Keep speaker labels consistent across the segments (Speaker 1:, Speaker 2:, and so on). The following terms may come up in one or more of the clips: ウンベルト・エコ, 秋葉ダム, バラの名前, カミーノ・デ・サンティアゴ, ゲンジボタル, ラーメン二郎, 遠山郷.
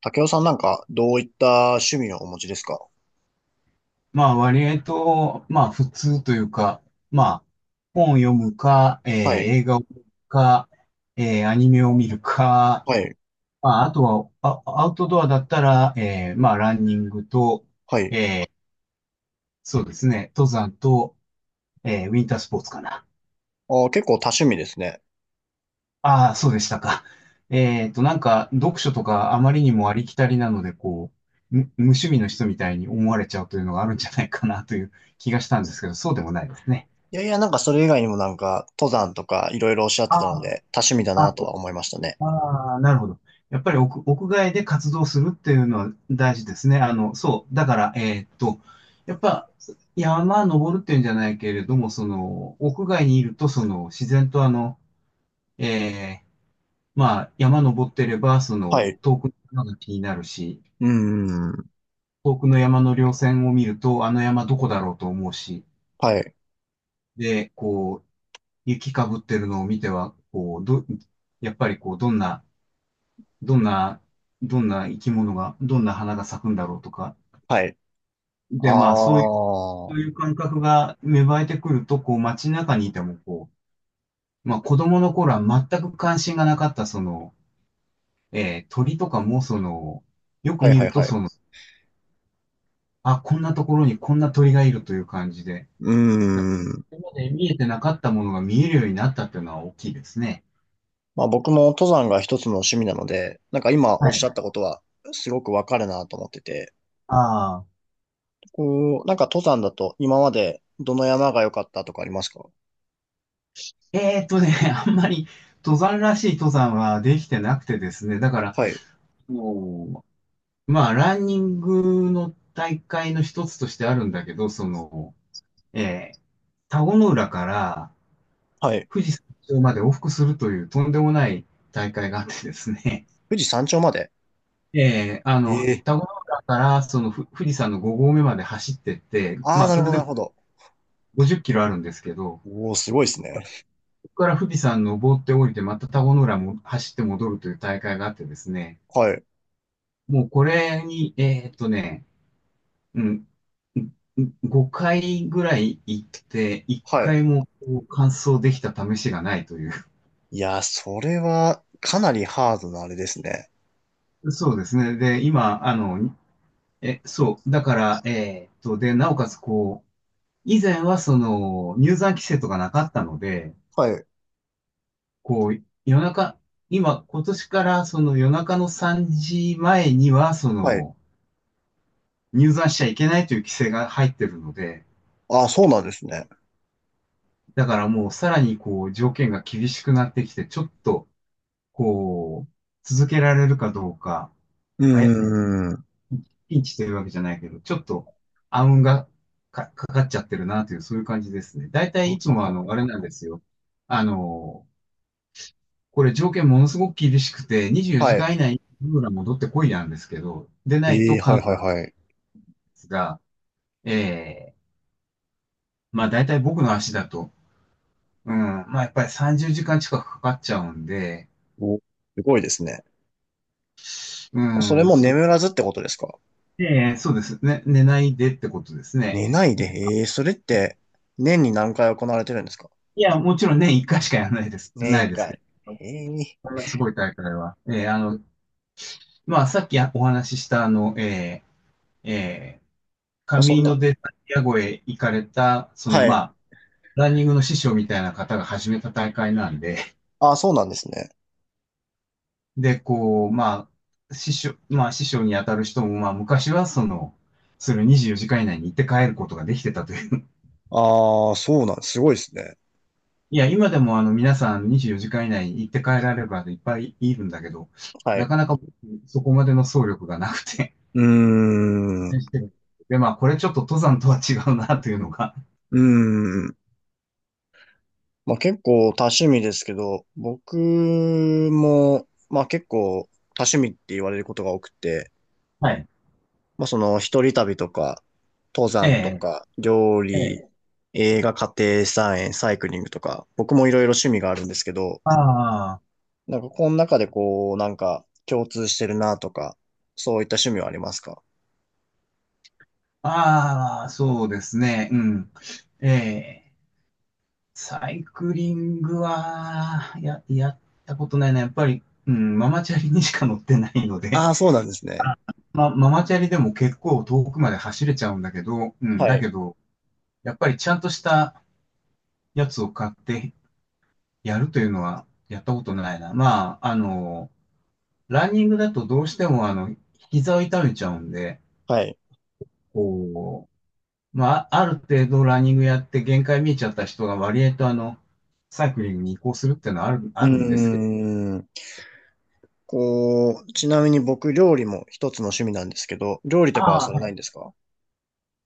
Speaker 1: 竹雄さんなんかどういった趣味をお持ちですか？
Speaker 2: まあ割と、まあ普通というか、まあ本を読むか、
Speaker 1: はい、
Speaker 2: 映画を見るか、アニメを見るか、
Speaker 1: はい、
Speaker 2: まああとはアウトドアだったら、まあランニングと、
Speaker 1: はい。
Speaker 2: そうですね、登山と、ウィンタースポーツかな。
Speaker 1: あー、結構多趣味ですね。
Speaker 2: ああ、そうでしたか。なんか読書とかあまりにもありきたりなので、こう、無趣味の人みたいに思われちゃうというのがあるんじゃないかなという気がしたんですけど、そうでもないですね。
Speaker 1: いやいや、なんかそれ以外にもなんか登山とかいろいろおっしゃっ
Speaker 2: あ
Speaker 1: てたので多趣味だ
Speaker 2: あ
Speaker 1: なとは思いましたね。
Speaker 2: ああ、なるほど。やっぱり屋外で活動するっていうのは大事ですね。あの、そう。だから、やっぱ、山登るっていうんじゃないけれども、その、屋外にいると、その、自然とあの、えー、まあ、山登ってれば、そ
Speaker 1: は
Speaker 2: の、
Speaker 1: い。
Speaker 2: 遠くの山が気になるし、
Speaker 1: うーん。
Speaker 2: 遠くの山の稜線を見ると、あの山どこだろうと思うし、
Speaker 1: はい。
Speaker 2: で、こう、雪かぶってるのを見ては、こう、やっぱりこう、どんな、どんな生き物が、どんな花が咲くんだろうとか。
Speaker 1: はい。あ
Speaker 2: で、まあ、そういう、
Speaker 1: あ。
Speaker 2: そ
Speaker 1: は
Speaker 2: ういう感覚が芽生えてくると、こう、街中にいても、こう、まあ、子供の頃は全く関心がなかった、その、鳥とかも、その、よく
Speaker 1: い
Speaker 2: 見
Speaker 1: はい
Speaker 2: ると、
Speaker 1: はい。
Speaker 2: こんなところにこんな鳥がいるという感じで、
Speaker 1: うー
Speaker 2: こ
Speaker 1: ん。
Speaker 2: れまで見えてなかったものが見えるようになったっていうのは大きいですね。
Speaker 1: まあ僕も登山が一つの趣味なので、なんか今
Speaker 2: は
Speaker 1: おっし
Speaker 2: い。
Speaker 1: ゃったことはすごくわかるなと思ってて、
Speaker 2: ああ、
Speaker 1: こう、なんか登山だと今までどの山が良かったとかありますか？
Speaker 2: えーっとね、あんまり登山らしい登山はできてなくてですね、だから、
Speaker 1: はい。
Speaker 2: もう、まあ、ランニングの大会の一つとしてあるんだけど、その、えー田子の浦から
Speaker 1: はい。
Speaker 2: 富士山頂まで往復するというとんでもない大会があってですね、
Speaker 1: 富士山頂まで。
Speaker 2: あ
Speaker 1: え
Speaker 2: の、
Speaker 1: え。
Speaker 2: 田子の浦からその富士山の5合目まで走ってって、
Speaker 1: ああ、
Speaker 2: まあ、
Speaker 1: なる
Speaker 2: そ
Speaker 1: ほ
Speaker 2: れ
Speaker 1: ど、
Speaker 2: で
Speaker 1: なるほど。
Speaker 2: 50キロあるんですけど、
Speaker 1: おお、すごいですね。
Speaker 2: そこから富士山登って降りて、また田子の浦も走って戻るという大会があってですね、
Speaker 1: はい。
Speaker 2: もうこれに、うん、5回ぐらい行って、1
Speaker 1: はい。
Speaker 2: 回もこう完走できた試しがないとい
Speaker 1: いやー、それは、かなりハードなあれですね。
Speaker 2: う。そうですね。で、今、あの、そう。だから、で、なおかつ、こう、以前はその、入山規制とかなかったので、
Speaker 1: はい。
Speaker 2: こう、夜中、今年からその夜中の3時前には、そ
Speaker 1: はい。
Speaker 2: の、入山しちゃいけないという規制が入ってるので、
Speaker 1: ああ、そうなんですね。
Speaker 2: だからもうさらにこう、条件が厳しくなってきて、ちょっと、こう、続けられるかどうか、
Speaker 1: うー
Speaker 2: あや、
Speaker 1: ん。
Speaker 2: ピンチというわけじゃないけど、ちょっと暗雲がかかっちゃってるなという、そういう感じですね。大体
Speaker 1: は
Speaker 2: いつもあ
Speaker 1: は。
Speaker 2: の、あれなんですよ。あの、これ条件ものすごく厳しくて、24時
Speaker 1: はい。
Speaker 2: 間以内にルーラ戻ってこいなんですけど、でない
Speaker 1: ええ、
Speaker 2: と
Speaker 1: はい、
Speaker 2: 関
Speaker 1: はい、はい。
Speaker 2: 節が、ええまあ大体僕の足だと、うん、まあやっぱり30時間近くかかっちゃうんで、
Speaker 1: お、すごいですね。
Speaker 2: う
Speaker 1: それ
Speaker 2: ん、
Speaker 1: も眠らずってことですか？
Speaker 2: ええそうですね。寝ないでってことですね。
Speaker 1: 寝ないで、ええ、それって、年に何回行われてるんですか？
Speaker 2: いや、もちろん年1回しかやらないです。
Speaker 1: 年
Speaker 2: な
Speaker 1: 一
Speaker 2: いですけ
Speaker 1: 回。
Speaker 2: ど。
Speaker 1: へえ。
Speaker 2: こんなすごい大会は。あの、まあ、さっきお話しした、あの、ーえー
Speaker 1: ま
Speaker 2: カ
Speaker 1: あ、
Speaker 2: ミ
Speaker 1: そん
Speaker 2: ー
Speaker 1: な。
Speaker 2: ノ・デ・サンティアゴへ行かれた、その、
Speaker 1: は
Speaker 2: ま
Speaker 1: い。
Speaker 2: あ、ランニングの師匠みたいな方が始めた大会なんで、
Speaker 1: ああ、そうなんですね。
Speaker 2: で、こう、まあ、師匠に当たる人も、まあ、昔は、その、それを24時間以内に行って帰ることができてたという。
Speaker 1: ああ、そうなん、すごいですね。
Speaker 2: いや、今でもあの皆さん24時間以内に行って帰られればいっぱいいるんだけど、
Speaker 1: は
Speaker 2: な
Speaker 1: い。
Speaker 2: かなか僕そこまでの走力がなくて。
Speaker 1: うーん。
Speaker 2: で、まあ、これちょっと登山とは違うなというのが。
Speaker 1: うん。まあ結構多趣味ですけど、僕も、まあ結構多趣味って言われることが多くて、
Speaker 2: はい。
Speaker 1: まあその一人旅とか、登
Speaker 2: え
Speaker 1: 山と
Speaker 2: え、
Speaker 1: か、料
Speaker 2: え
Speaker 1: 理、
Speaker 2: え。
Speaker 1: 映画、家庭菜園、サイクリングとか、僕もいろいろ趣味があるんですけど、
Speaker 2: ああ、
Speaker 1: なんかこの中でこう、なんか共通してるなとか、そういった趣味はありますか？
Speaker 2: ああ、そうですね。うん。ええ、サイクリングは、やったことないな。やっぱり、うん、ママチャリにしか乗ってないので。
Speaker 1: ああー、そうなんですね。
Speaker 2: あママチャリでも結構遠くまで走れちゃうんだけど、うん、
Speaker 1: は
Speaker 2: だ
Speaker 1: い。
Speaker 2: けど、やっぱりちゃんとしたやつを買ってやるというのはやったことないな。まあ、あの、ランニングだとどうしてもあの、膝を痛めちゃうんで、
Speaker 1: はい。
Speaker 2: こう、まあ、ある程度ランニングやって限界見えちゃった人が割合とあの、サイクリングに移行するっていうのは
Speaker 1: う
Speaker 2: あるんですけど、
Speaker 1: ー、こう、ちなみに僕、料理も一つの趣味なんですけど、料理とかは
Speaker 2: ああ、
Speaker 1: され
Speaker 2: は
Speaker 1: ないん
Speaker 2: い。
Speaker 1: ですか？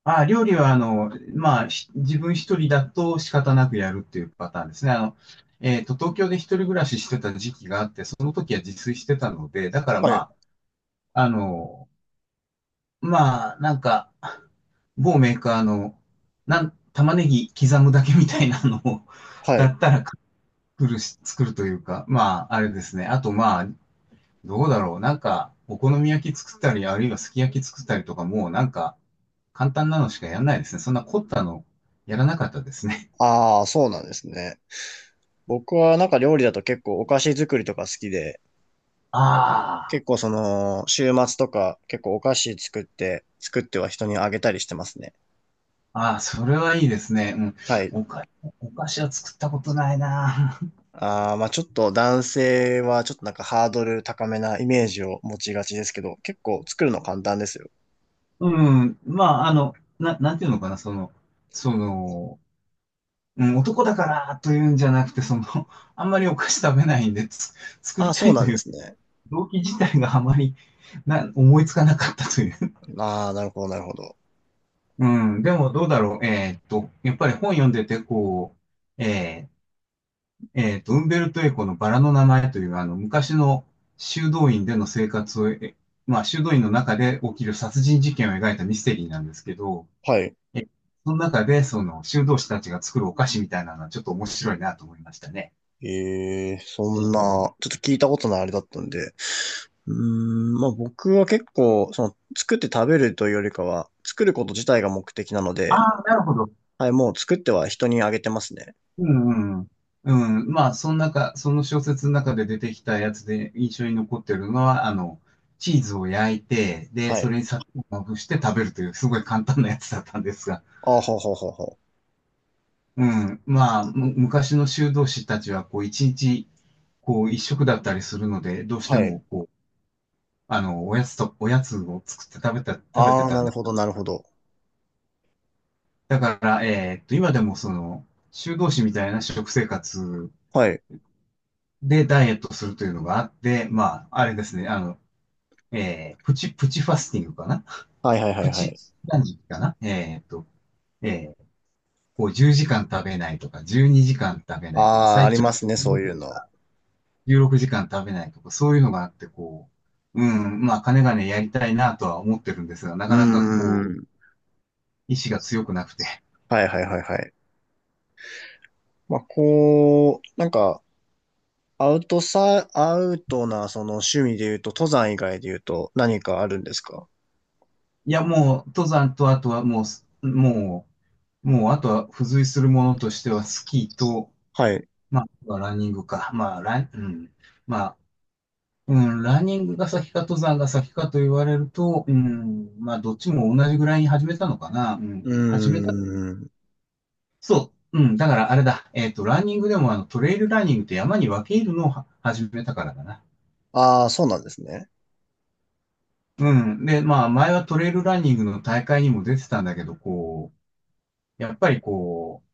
Speaker 2: ああ、料理はあの、まあ、自分一人だと仕方なくやるっていうパターンですね。あの、東京で一人暮らししてた時期があって、その時は自炊してたので、だから
Speaker 1: はい。
Speaker 2: まあ、あの、まあ、なんか、某メーカーの、玉ねぎ刻むだけみたいなのを
Speaker 1: は
Speaker 2: だ
Speaker 1: い。
Speaker 2: ったら作るし、作るというか、まあ、あれですね。あと、まあ、どうだろう。なんか、お好み焼き作ったり、あるいはすき焼き作ったりとか、もうなんか、簡単なのしかやんないですね。そんな凝ったの、やらなかったですね。
Speaker 1: ああ、そうなんですね。僕はなんか料理だと結構お菓子作りとか好きで、
Speaker 2: あ
Speaker 1: 結構その、週末とか結構お菓子作って、作っては人にあげたりしてますね。
Speaker 2: あ、ああ、それはいいですね。う
Speaker 1: はい。
Speaker 2: ん。お菓子は作ったことないな。
Speaker 1: ああ、まあちょっと男性はちょっとなんかハードル高めなイメージを持ちがちですけど、結構作るの簡単ですよ。
Speaker 2: うん。まあ、あの、なんていうのかな、その、うん、男だからというんじゃなくて、その、あんまりお菓子食べないんで、作
Speaker 1: あ
Speaker 2: り
Speaker 1: あ、
Speaker 2: た
Speaker 1: そう
Speaker 2: い
Speaker 1: な
Speaker 2: と
Speaker 1: ん
Speaker 2: い
Speaker 1: で
Speaker 2: う
Speaker 1: すね。
Speaker 2: 動機自体があまり思いつかなかったという。
Speaker 1: ああ、なるほど、なるほど。
Speaker 2: うん、でもどうだろう。やっぱり本読んでて、こう、ウンベルト・エコのバラの名前という、あの、昔の修道院での生活を、まあ、修道院の中で起きる殺人事件を描いたミステリーなんですけど、
Speaker 1: はい。
Speaker 2: えその中で、その、修道士たちが作るお菓子みたいなのはちょっと面白いなと思いましたね。
Speaker 1: ええそ
Speaker 2: え
Speaker 1: んな、ち
Speaker 2: ー
Speaker 1: ょっと聞いたことないあれだったんで。うーん、まあ僕は結構、その、作って食べるというよりかは、作ること自体が目的なの
Speaker 2: あ
Speaker 1: で、
Speaker 2: あ、なるほど。
Speaker 1: はい、もう作っては人にあげてますね。
Speaker 2: うんうん。うん、まあ、その中、その小説の中で出てきたやつで印象に残ってるのは、あの、チーズを焼いて、で、
Speaker 1: は
Speaker 2: それ
Speaker 1: い。
Speaker 2: に砂糖をまぶして食べるという、すごい簡単なやつだったんですが、
Speaker 1: ああ、ほうほうほうほ
Speaker 2: うん、まあ、昔の修道士たちは、こう、一日、こう、一食だったりするので、どうし
Speaker 1: う。
Speaker 2: て
Speaker 1: はい。
Speaker 2: も、こう、あの、おやつを作って食べ
Speaker 1: あ
Speaker 2: て
Speaker 1: あ、
Speaker 2: た
Speaker 1: な
Speaker 2: ん
Speaker 1: る
Speaker 2: だ。
Speaker 1: ほど、なるほど。
Speaker 2: だから、今でもその、修道士みたいな食生活
Speaker 1: はい。
Speaker 2: でダイエットするというのがあって、まあ、あれですね、あの、プチファスティングかな。
Speaker 1: はいはいはい
Speaker 2: プ
Speaker 1: は
Speaker 2: チ、
Speaker 1: い。
Speaker 2: 何時かな。えー、こう10時間食べないとか、12時間食べないとか、
Speaker 1: ああ、あ
Speaker 2: 最
Speaker 1: り
Speaker 2: 長
Speaker 1: ますね、そういうの。
Speaker 2: 16時間食べないとか、そういうのがあって、こう、うん、まあ、金がね、やりたいなとは思ってるんですが、
Speaker 1: う
Speaker 2: な
Speaker 1: ー
Speaker 2: かなかこ
Speaker 1: ん。
Speaker 2: う、意志が強くなくて。
Speaker 1: はいはいはいはい。まあ、こう、なんか、アウトな、その趣味で言うと、登山以外で言うと、何かあるんですか？
Speaker 2: いや、もう、登山と、あとはもう、もう、もう、あとは付随するものとしては、スキーと、
Speaker 1: はい。
Speaker 2: まあ、ランニングか。まあ、うん。まあ、うん、ランニングが先か登山が先かと言われると、うん、まあ、どっちも同じぐらいに始めたのかな。う
Speaker 1: う
Speaker 2: ん、
Speaker 1: ー
Speaker 2: 始めた、
Speaker 1: ん。
Speaker 2: そう、うん、だからあれだ、ランニングでもあの、トレイルランニングって山に分け入るのをは始めたからだな。
Speaker 1: ああ、そうなんですね。
Speaker 2: うん、で、まあ、前はトレイルランニングの大会にも出てたんだけど、こう、やっぱりこう、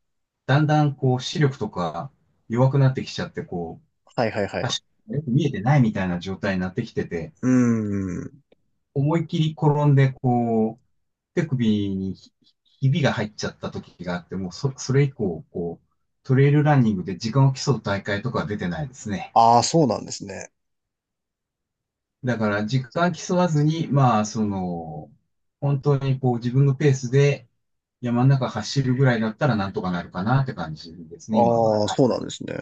Speaker 2: だんだんこう、視力とか弱くなってきちゃって、こう、
Speaker 1: はいはいはい。
Speaker 2: 足、よく見えてないみたいな状態になってきてて、
Speaker 1: うーん。
Speaker 2: 思いっきり転んで、こう、手首にひびが入っちゃった時があって、もうそれ以降、こう、トレイルランニングで時間を競う大会とかは出てないですね。
Speaker 1: ああ、そうなんですね。
Speaker 2: だから、時間競わずに、まあ、その、本当にこう自分のペースで山の中走るぐらいだったらなんとかなるかなって感じですね、今は。
Speaker 1: ああ、
Speaker 2: はい。
Speaker 1: そうなんですね。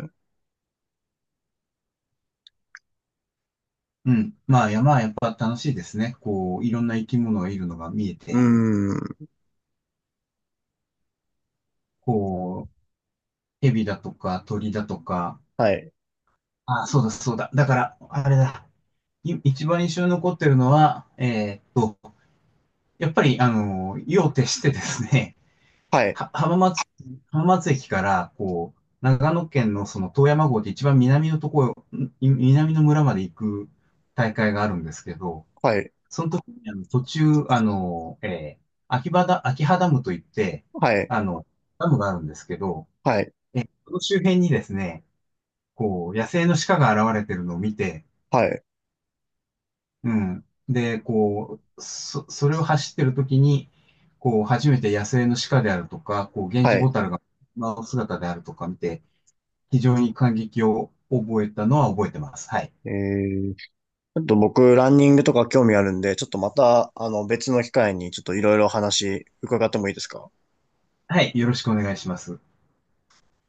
Speaker 2: うん。まあ山はやっぱ楽しいですね。こう、いろんな生き物がいるのが見え
Speaker 1: う
Speaker 2: て、
Speaker 1: ーん。
Speaker 2: こう、蛇だとか鳥だとか、
Speaker 1: はい。
Speaker 2: あ、そうだ、そうだ。だから、あれだ。一番印象に残ってるのは、やっぱり、あの、夜を徹してですね、
Speaker 1: は い。
Speaker 2: は浜松、浜松駅から、こう、長野県のその遠山郷って一番南のところ、南の村まで行く大会があるんですけど、
Speaker 1: はい。
Speaker 2: あの途中、あの、秋葉ダムといって、
Speaker 1: はい。
Speaker 2: あの、ダムがあるんですけど、
Speaker 1: はい。
Speaker 2: その周辺にですね、こう、野生の鹿が現れてるのを見て、
Speaker 1: はい。
Speaker 2: うん。で、こう、それを走ってる時に、こう、初めて野生の鹿であるとか、こう、ゲン
Speaker 1: は
Speaker 2: ジ
Speaker 1: い。
Speaker 2: ボタルが、まあ、姿であるとか見て、非常に感激を覚えたのは覚えてます。はい。
Speaker 1: えー、ちょっと僕、ランニングとか興味あるんで、ちょっとまた、あの、別の機会に、ちょっといろいろ話伺ってもいいですか？
Speaker 2: はい。よろしくお願いします。